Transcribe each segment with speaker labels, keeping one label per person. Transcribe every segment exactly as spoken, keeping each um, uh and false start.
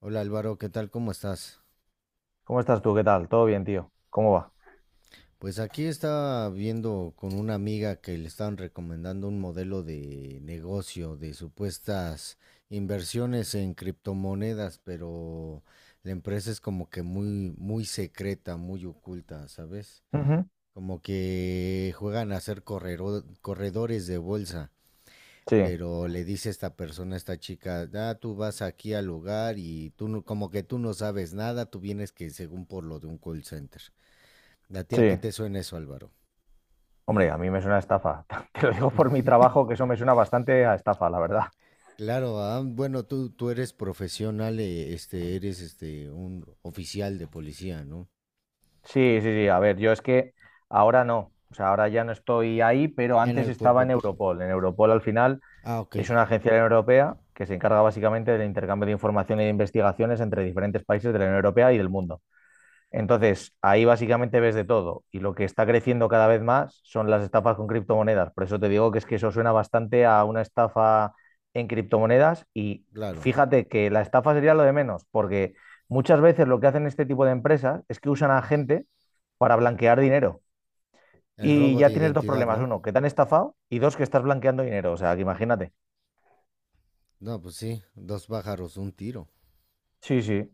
Speaker 1: Hola Álvaro, ¿qué tal? ¿Cómo estás?
Speaker 2: ¿Cómo estás tú? ¿Qué tal? ¿Todo bien, tío? ¿Cómo va?
Speaker 1: Pues aquí estaba viendo con una amiga que le estaban recomendando un modelo de negocio de supuestas inversiones en criptomonedas, pero la empresa es como que muy, muy secreta, muy oculta, ¿sabes?
Speaker 2: Ujú.
Speaker 1: Como que juegan a ser correro- corredores de bolsa,
Speaker 2: Sí,
Speaker 1: pero le dice esta persona, esta chica, ah, tú vas aquí al lugar y tú no- como que tú no sabes nada, tú vienes que según por lo de un call center. ¿A ti a qué
Speaker 2: sí.
Speaker 1: te suena eso, Álvaro?
Speaker 2: Hombre, a mí me suena a estafa. Te lo digo por mi trabajo, que eso me suena bastante a estafa, la verdad.
Speaker 1: Claro, ah, bueno, tú, tú eres profesional, eh, este, eres este, un oficial de policía, ¿no?
Speaker 2: Sí, sí, sí. A ver, yo es que ahora no. O sea, ahora ya no estoy ahí, pero
Speaker 1: En
Speaker 2: antes
Speaker 1: el
Speaker 2: estaba
Speaker 1: cuerpo...
Speaker 2: en
Speaker 1: pe-
Speaker 2: Europol. En Europol, al final,
Speaker 1: Ah, ok,
Speaker 2: es una agencia europea que se encarga básicamente del intercambio de información e investigaciones entre diferentes países de la Unión Europea y del mundo. Entonces, ahí básicamente ves de todo y lo que está creciendo cada vez más son las estafas con criptomonedas. Por eso te digo que es que eso suena bastante a una estafa en criptomonedas y
Speaker 1: claro.
Speaker 2: fíjate que la estafa sería lo de menos, porque muchas veces lo que hacen este tipo de empresas es que usan a gente para blanquear dinero
Speaker 1: El
Speaker 2: y
Speaker 1: robo de
Speaker 2: ya tienes dos
Speaker 1: identidad,
Speaker 2: problemas.
Speaker 1: ¿no?
Speaker 2: Uno, que te han estafado y dos, que estás blanqueando dinero. O sea, que imagínate.
Speaker 1: No, pues sí, dos pájaros, un tiro.
Speaker 2: Sí, sí.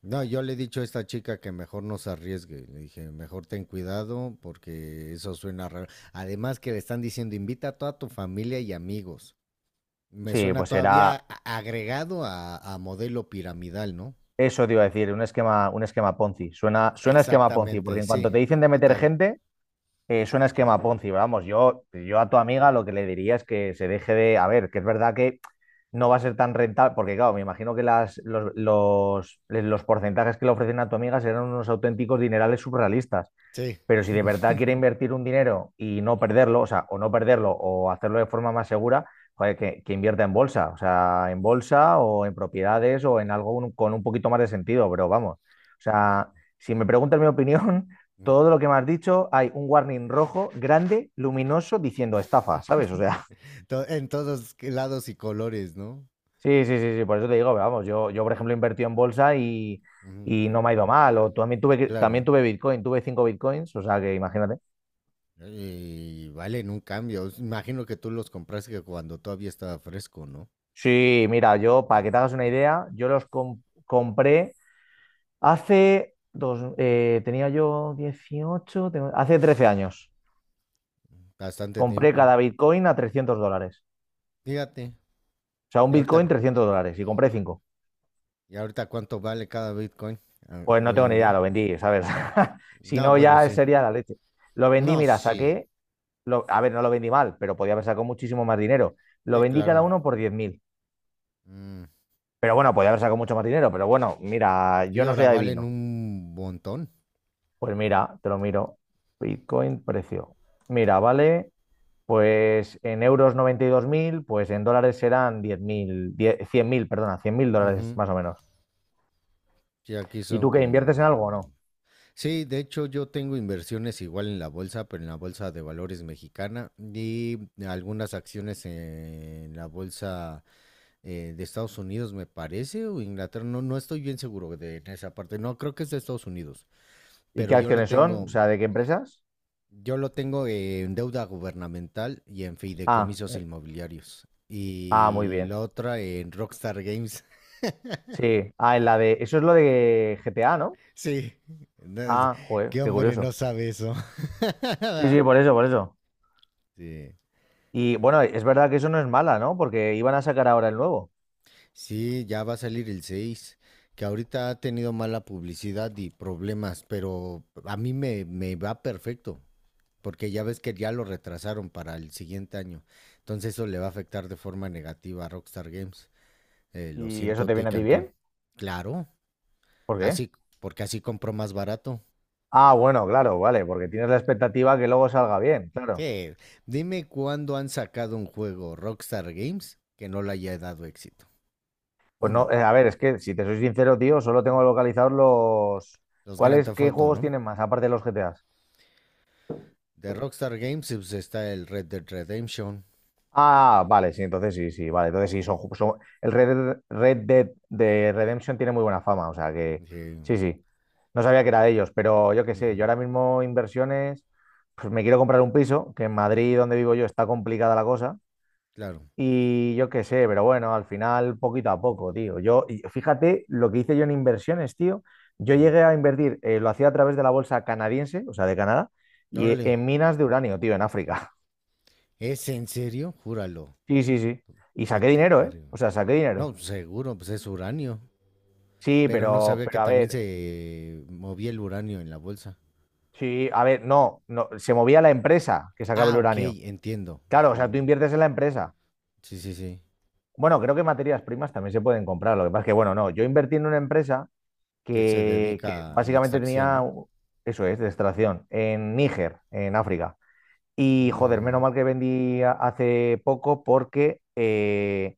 Speaker 1: No, yo le he dicho a esta chica que mejor no se arriesgue. Le dije, mejor ten cuidado porque eso suena raro. Además que le están diciendo, invita a toda tu familia y amigos. Me
Speaker 2: Sí,
Speaker 1: suena
Speaker 2: pues
Speaker 1: todavía
Speaker 2: será
Speaker 1: a- agregado a, a modelo piramidal, ¿no?
Speaker 2: eso, te iba a decir, un esquema, un esquema Ponzi. Suena, suena a esquema Ponzi, porque
Speaker 1: Exactamente,
Speaker 2: en cuanto
Speaker 1: sí,
Speaker 2: te dicen de meter
Speaker 1: total.
Speaker 2: gente. Eh, suena
Speaker 1: Ujú.
Speaker 2: esquema Ponzi, pero vamos, yo, yo a tu amiga lo que le diría es que se deje de, a ver, que es verdad que no va a ser tan rentable, porque claro, me imagino que las, los, los, los porcentajes que le ofrecen a tu amiga serán unos auténticos dinerales surrealistas.
Speaker 1: Sí.
Speaker 2: Pero si de verdad quiere invertir un dinero y no perderlo, o sea, o no perderlo o hacerlo de forma más segura, joder, que, que invierta en bolsa, o sea, en bolsa o en propiedades o en algo un- con un poquito más de sentido, pero vamos. O
Speaker 1: Sí.
Speaker 2: sea, si me preguntas mi opinión, todo lo que me has dicho, hay un warning rojo, grande, luminoso, diciendo estafa, ¿sabes? O sea,
Speaker 1: To- En todos lados y colores, ¿no?
Speaker 2: sí, sí, sí, sí, por eso te digo, vamos, yo, yo por ejemplo, he invertido en bolsa y,
Speaker 1: Ujú,
Speaker 2: y no me ha ido mal, o también tuve, que- también
Speaker 1: claro.
Speaker 2: tuve Bitcoin, tuve cinco Bitcoins, o sea, que imagínate.
Speaker 1: Y valen un cambio. Imagino que tú los compraste cuando todavía estaba fresco, ¿no?
Speaker 2: Sí, mira, yo, para que te hagas
Speaker 1: Ujú.
Speaker 2: una idea, yo los com- compré hace dos, eh, tenía yo dieciocho, tengo- hace trece años.
Speaker 1: Bastante
Speaker 2: Compré
Speaker 1: tiempo.
Speaker 2: cada Bitcoin a trescientos dólares.
Speaker 1: Fíjate.
Speaker 2: O sea, un
Speaker 1: Y ahorita,
Speaker 2: Bitcoin trescientos dólares y compré cinco.
Speaker 1: y ahorita cuánto vale cada Bitcoin ah,
Speaker 2: Pues no
Speaker 1: hoy
Speaker 2: tengo
Speaker 1: en
Speaker 2: ni idea,
Speaker 1: día.
Speaker 2: lo vendí, ¿sabes? Si
Speaker 1: No,
Speaker 2: no,
Speaker 1: bueno,
Speaker 2: ya
Speaker 1: sí.
Speaker 2: sería la leche. Lo vendí,
Speaker 1: No,
Speaker 2: mira,
Speaker 1: sí.
Speaker 2: saqué, lo- a ver, no lo vendí mal, pero podía haber sacado muchísimo más dinero. Lo
Speaker 1: Sí,
Speaker 2: vendí cada
Speaker 1: claro.
Speaker 2: uno por diez mil.
Speaker 1: Mm.
Speaker 2: Pero bueno, podía haber sacado mucho más dinero, pero bueno, mira,
Speaker 1: Sí,
Speaker 2: yo no soy
Speaker 1: ahora valen
Speaker 2: adivino.
Speaker 1: un montón.
Speaker 2: Pues mira, te lo miro. Bitcoin, precio. Mira, vale, pues en euros noventa y dos mil. Pues en dólares serán diez mil, cien mil. Perdona, cien mil dólares
Speaker 1: Ujú.
Speaker 2: más o menos.
Speaker 1: Sí, aquí
Speaker 2: ¿Y
Speaker 1: son
Speaker 2: tú qué inviertes en algo o
Speaker 1: como
Speaker 2: no?
Speaker 1: sí, de hecho yo tengo inversiones igual en la bolsa, pero en la bolsa de valores mexicana y algunas acciones en la bolsa eh, de Estados Unidos, me parece, o Inglaterra, no, no estoy bien seguro de esa parte. No, creo que es de Estados Unidos,
Speaker 2: ¿Y
Speaker 1: pero
Speaker 2: qué
Speaker 1: yo lo
Speaker 2: acciones son? O
Speaker 1: tengo,
Speaker 2: sea, ¿de qué empresas?
Speaker 1: yo lo tengo en deuda gubernamental y en
Speaker 2: Ah,
Speaker 1: fideicomisos
Speaker 2: eh,
Speaker 1: inmobiliarios.
Speaker 2: ah, muy
Speaker 1: Y
Speaker 2: bien.
Speaker 1: la otra en Rockstar Games.
Speaker 2: Sí, ah, en la de, eso es lo de G T A, ¿no?
Speaker 1: Sí, no, es-
Speaker 2: Ah, joder,
Speaker 1: qué
Speaker 2: qué
Speaker 1: hombre
Speaker 2: curioso.
Speaker 1: no sabe eso.
Speaker 2: Sí, sí, por eso, por eso.
Speaker 1: Sí.
Speaker 2: Y bueno, es verdad que eso no es mala, ¿no? Porque iban a sacar ahora el nuevo.
Speaker 1: Sí, ya va a salir el seis que ahorita ha tenido mala publicidad y problemas, pero a mí me, me va perfecto, porque ya ves que ya lo retrasaron para el siguiente año. Entonces eso le va a afectar de forma negativa a Rockstar Games. Eh, lo
Speaker 2: ¿Y eso
Speaker 1: siento,
Speaker 2: te viene a
Speaker 1: Take
Speaker 2: ti
Speaker 1: Two.
Speaker 2: bien?
Speaker 1: Claro,
Speaker 2: ¿Por qué?
Speaker 1: así, porque así compró más barato.
Speaker 2: Ah, bueno, claro, vale, porque tienes la expectativa que luego salga bien, claro.
Speaker 1: Sí, dime cuándo han sacado un juego Rockstar Games que no le haya dado éxito.
Speaker 2: Pues no,
Speaker 1: Uno,
Speaker 2: eh, a ver, es que si te soy sincero, tío, solo tengo localizados los...
Speaker 1: los Grand
Speaker 2: ¿Cuáles,
Speaker 1: Theft
Speaker 2: qué
Speaker 1: Auto,
Speaker 2: juegos
Speaker 1: ¿no?
Speaker 2: tienen más, aparte de los G T As?
Speaker 1: De Rockstar Games pues, está el Red Dead Redemption,
Speaker 2: Ah, vale, sí, entonces sí, sí, vale, entonces sí, son, ju- son- el Red, Dead- Red Dead de Redemption tiene muy buena fama, o sea que
Speaker 1: sí,
Speaker 2: sí, sí, no sabía que era de ellos, pero yo qué sé, yo
Speaker 1: ujú,
Speaker 2: ahora mismo inversiones, pues me quiero comprar un piso, que en Madrid, donde vivo yo, está complicada la cosa.
Speaker 1: claro.
Speaker 2: Y yo qué sé, pero bueno, al final poquito a poco, tío. Yo, y fíjate lo que hice yo en inversiones, tío. Yo
Speaker 1: Ujú.
Speaker 2: llegué a invertir, eh, lo hacía a través de la bolsa canadiense, o sea, de Canadá, y eh,
Speaker 1: Órale,
Speaker 2: en minas de uranio, tío, en África.
Speaker 1: ¿es en serio? Júralo,
Speaker 2: Sí, sí, sí. Y
Speaker 1: no
Speaker 2: saqué
Speaker 1: te
Speaker 2: dinero, ¿eh?
Speaker 1: creo.
Speaker 2: O sea, saqué
Speaker 1: No,
Speaker 2: dinero.
Speaker 1: seguro, pues es uranio,
Speaker 2: Sí,
Speaker 1: pero no
Speaker 2: pero,
Speaker 1: sabía que
Speaker 2: pero a
Speaker 1: también
Speaker 2: ver,
Speaker 1: se movía el uranio en la bolsa.
Speaker 2: sí, a ver, no, no, se movía la empresa que sacaba
Speaker 1: Ah,
Speaker 2: el
Speaker 1: ok,
Speaker 2: uranio.
Speaker 1: entiendo.
Speaker 2: Claro, o sea, tú
Speaker 1: Mm,
Speaker 2: inviertes en la empresa.
Speaker 1: sí, sí, sí.
Speaker 2: Bueno, creo que materias primas también se pueden comprar. Lo que pasa es que, bueno, no, yo invertí en una empresa
Speaker 1: Que se
Speaker 2: que, que
Speaker 1: dedica a la
Speaker 2: básicamente
Speaker 1: extracción,
Speaker 2: tenía,
Speaker 1: ¿no?
Speaker 2: eso es, de extracción, en Níger, en África. Y joder, menos
Speaker 1: Ujú.
Speaker 2: mal que vendí a- hace poco porque eh,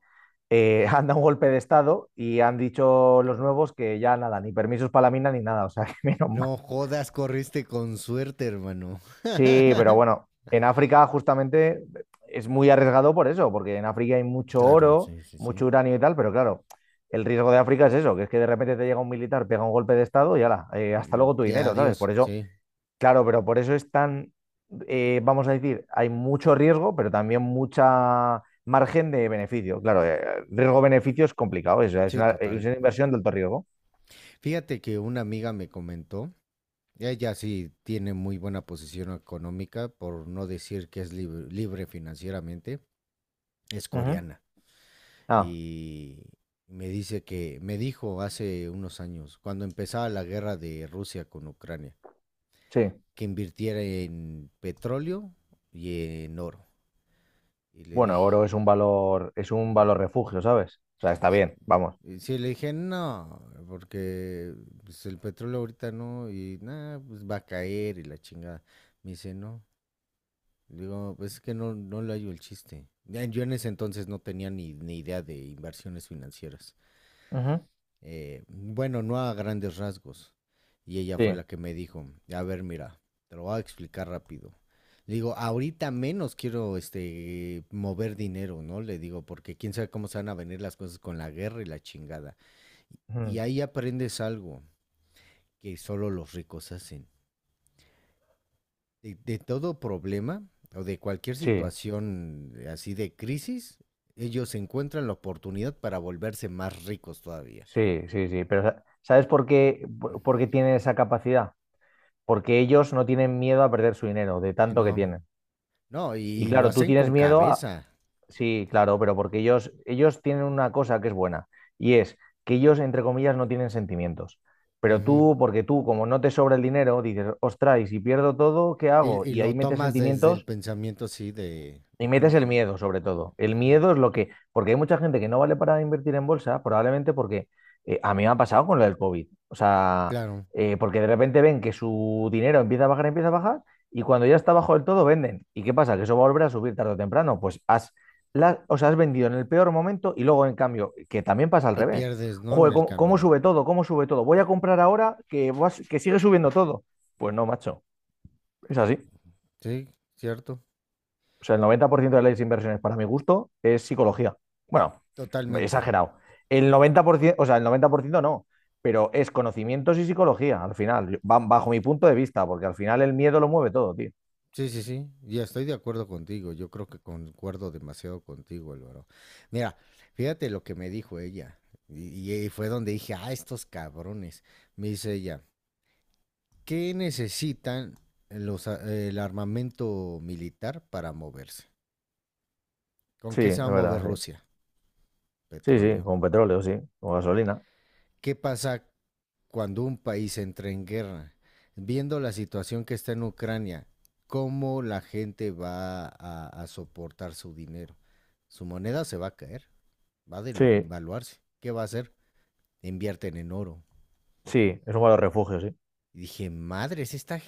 Speaker 2: eh, han dado un golpe de estado y han dicho los nuevos que ya nada, ni permisos para la mina ni nada, o sea, que menos mal.
Speaker 1: No jodas, corriste con suerte, hermano.
Speaker 2: Sí, pero bueno, en África justamente es muy arriesgado por eso, porque en África hay mucho
Speaker 1: Claro,
Speaker 2: oro,
Speaker 1: sí, sí, sí.
Speaker 2: mucho uranio y tal, pero claro, el riesgo de África es eso, que es que de repente te llega un militar, pega un golpe de estado y ala, eh, hasta
Speaker 1: Mm,
Speaker 2: luego tu
Speaker 1: y
Speaker 2: dinero, ¿sabes?
Speaker 1: adiós,
Speaker 2: Por eso
Speaker 1: sí,
Speaker 2: claro, pero por eso es tan, eh, vamos a decir, hay mucho riesgo, pero también mucha margen de beneficio. Claro, eh, riesgo-beneficio es complicado, es, es
Speaker 1: sí,
Speaker 2: una, es
Speaker 1: total.
Speaker 2: una inversión de alto riesgo.
Speaker 1: Fíjate que una amiga me comentó. Ella sí tiene muy buena posición económica, por no decir que es libre, libre financieramente. Es
Speaker 2: Ujú.
Speaker 1: coreana.
Speaker 2: Ah,
Speaker 1: Y me dice que, me dijo hace unos años, cuando empezaba la guerra de Rusia con Ucrania,
Speaker 2: sí.
Speaker 1: que invirtiera en petróleo y en oro. Y le
Speaker 2: Bueno, el
Speaker 1: dije,
Speaker 2: oro es un valor, es un
Speaker 1: ujú.
Speaker 2: valor refugio, ¿sabes? O sea, está bien, vamos.
Speaker 1: Y sí, le dije, no, porque pues, el petróleo ahorita no, y nada, pues va a caer y la chingada. Me dice, no, digo, pues es que no, no le hallo el chiste. Ya, yo en ese entonces no tenía ni, ni idea de inversiones financieras.
Speaker 2: Ujú.
Speaker 1: Eh, bueno, no a grandes rasgos. Y ella fue la
Speaker 2: Sí,
Speaker 1: que me dijo, a ver, mira, te lo voy a explicar rápido. Le digo, ahorita menos quiero este mover dinero, ¿no? Le digo, porque quién sabe cómo se van a venir las cosas con la guerra y la chingada. Y
Speaker 2: ujú.
Speaker 1: ahí aprendes algo que solo los ricos hacen. de, de todo problema o de cualquier
Speaker 2: Sí,
Speaker 1: situación eh, así de crisis, ellos encuentran la oportunidad para volverse más ricos todavía.
Speaker 2: sí, sí, sí. Pero sa- ¿sabes por qué, por por qué tienen esa capacidad? Porque ellos no tienen miedo a perder su dinero, de
Speaker 1: Sí,
Speaker 2: tanto que
Speaker 1: no.
Speaker 2: tienen.
Speaker 1: No,
Speaker 2: Y
Speaker 1: y lo
Speaker 2: claro, tú
Speaker 1: hacen
Speaker 2: tienes
Speaker 1: con
Speaker 2: miedo.
Speaker 1: cabeza.
Speaker 2: Sí, claro, pero porque ellos, ellos tienen una cosa que es buena y es que ellos, entre comillas, no tienen sentimientos. Pero
Speaker 1: Ujú.
Speaker 2: tú, porque tú, como no te sobra el dinero, dices, ostras, y si pierdo todo, ¿qué hago?
Speaker 1: y, y
Speaker 2: Y ahí
Speaker 1: lo
Speaker 2: metes
Speaker 1: tomas desde el
Speaker 2: sentimientos
Speaker 1: pensamiento así de,
Speaker 2: y
Speaker 1: de ¿cómo
Speaker 2: metes
Speaker 1: se
Speaker 2: el
Speaker 1: llama?
Speaker 2: miedo, sobre todo. El
Speaker 1: Ujú.
Speaker 2: miedo es lo que, porque hay mucha gente que no vale para invertir en bolsa, probablemente porque eh, a mí me ha pasado con lo del COVID. O sea,
Speaker 1: Claro.
Speaker 2: eh, porque de repente ven que su dinero empieza a bajar, empieza a bajar, y cuando ya está bajo del todo, venden. ¿Y qué pasa? Que eso va a volver a subir tarde o temprano. Pues has, la- o sea, has vendido en el peor momento y luego, en cambio, que también pasa al
Speaker 1: Y
Speaker 2: revés.
Speaker 1: pierdes, ¿no? En
Speaker 2: Joder,
Speaker 1: el
Speaker 2: ¿cómo, cómo
Speaker 1: camino.
Speaker 2: sube todo? ¿Cómo sube todo? Voy a comprar ahora que, va que sigue subiendo todo. Pues no, macho. Es así.
Speaker 1: Sí, cierto.
Speaker 2: O sea, el noventa por ciento de las inversiones, para mi gusto, es psicología. Bueno,
Speaker 1: Totalmente.
Speaker 2: exagerado. El noventa por ciento, o sea, el noventa por ciento no, pero es conocimientos y psicología, al final, yo- ba- bajo mi punto de vista, porque al final el miedo lo mueve todo, tío.
Speaker 1: Sí, sí, sí, ya estoy de acuerdo contigo. Yo creo que concuerdo demasiado contigo, Álvaro. Mira, fíjate lo que me dijo ella. Y, y fue donde dije, ah, estos cabrones. Me dice ella, ¿qué necesitan los, a- el armamento militar para moverse? ¿Con
Speaker 2: Sí,
Speaker 1: qué se
Speaker 2: es
Speaker 1: va a mover
Speaker 2: verdad, sí.
Speaker 1: Rusia?
Speaker 2: Sí, sí,
Speaker 1: Petróleo.
Speaker 2: con petróleo, sí, con gasolina.
Speaker 1: ¿Qué pasa cuando un país entra en guerra, viendo la situación que está en Ucrania, ¿cómo la gente va a, a soportar su dinero? Su moneda se va a caer, va a
Speaker 2: Sí,
Speaker 1: devaluarse. ¿Qué va a hacer? Invierten en oro.
Speaker 2: sí, es un valor refugio, sí.
Speaker 1: Y dije, madres, esta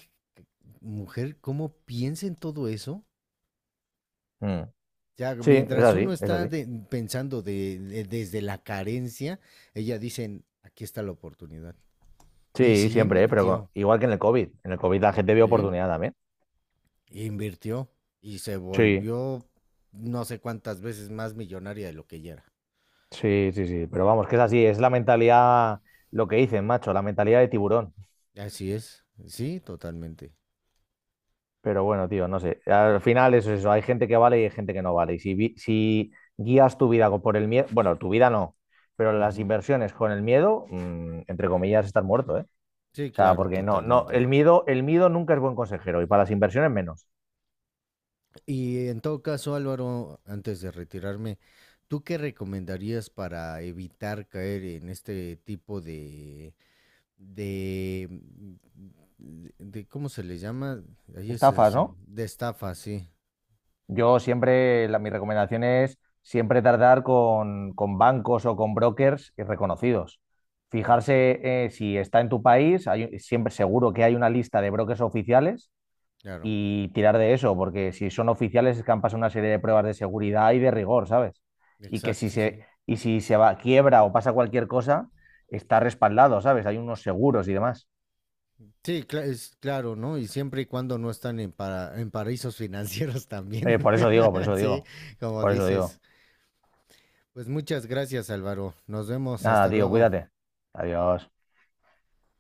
Speaker 1: mujer, ¿cómo piensa en todo eso?
Speaker 2: Mm.
Speaker 1: Ya,
Speaker 2: Sí, es
Speaker 1: mientras uno
Speaker 2: así, es
Speaker 1: está
Speaker 2: así.
Speaker 1: de, pensando de, de, desde la carencia, ella dice, aquí está la oportunidad. Y
Speaker 2: Sí,
Speaker 1: sí
Speaker 2: siempre, ¿eh? Pero
Speaker 1: invirtió.
Speaker 2: con- igual que en el COVID. En el COVID la gente vio
Speaker 1: ¿Eh?
Speaker 2: oportunidad también.
Speaker 1: Invirtió y se
Speaker 2: Sí,
Speaker 1: volvió no sé cuántas veces más millonaria de lo que ella era.
Speaker 2: sí, sí, sí. Pero vamos, que es así, es la mentalidad, lo que dicen, macho, la mentalidad de tiburón.
Speaker 1: Así es, sí, totalmente.
Speaker 2: Pero bueno, tío, no sé. Al final eso es eso. Hay gente que vale y hay gente que no vale. Y si, vi- si guías tu vida con por el miedo, bueno, tu vida no, pero las
Speaker 1: Ujú.
Speaker 2: inversiones con el miedo, mm, entre comillas, estás muerto, ¿eh? O
Speaker 1: Sí,
Speaker 2: sea,
Speaker 1: claro,
Speaker 2: porque no, no,
Speaker 1: totalmente.
Speaker 2: el miedo, el miedo nunca es buen consejero y para las inversiones menos.
Speaker 1: Y en todo caso, Álvaro, antes de retirarme, ¿tú qué recomendarías para evitar caer en este tipo de, de, de, de- ¿cómo se le llama? Ahí es,
Speaker 2: Estafas,
Speaker 1: ese-
Speaker 2: ¿no?
Speaker 1: de estafa, sí.
Speaker 2: Yo siempre, la- mi recomendación es siempre tardar con, con bancos o con brokers y reconocidos. Fijarse eh, si está en tu país, hay, siempre seguro que hay una lista de brokers oficiales
Speaker 1: Claro,
Speaker 2: y tirar de eso, porque si son oficiales es que han pasado una serie de pruebas de seguridad y de rigor, ¿sabes? Y que si
Speaker 1: exacto, sí.
Speaker 2: se, y si se va, quiebra o pasa cualquier cosa, está respaldado, ¿sabes? Hay unos seguros y demás.
Speaker 1: Sí, cla- es claro, ¿no? Y siempre y cuando no están en, para, en paraísos financieros también.
Speaker 2: Eh, por eso digo, por eso
Speaker 1: Sí,
Speaker 2: digo,
Speaker 1: como
Speaker 2: por eso
Speaker 1: dices.
Speaker 2: digo.
Speaker 1: Pues muchas gracias, Álvaro. Nos vemos.
Speaker 2: Nada,
Speaker 1: Hasta
Speaker 2: tío,
Speaker 1: luego.
Speaker 2: cuídate. Adiós.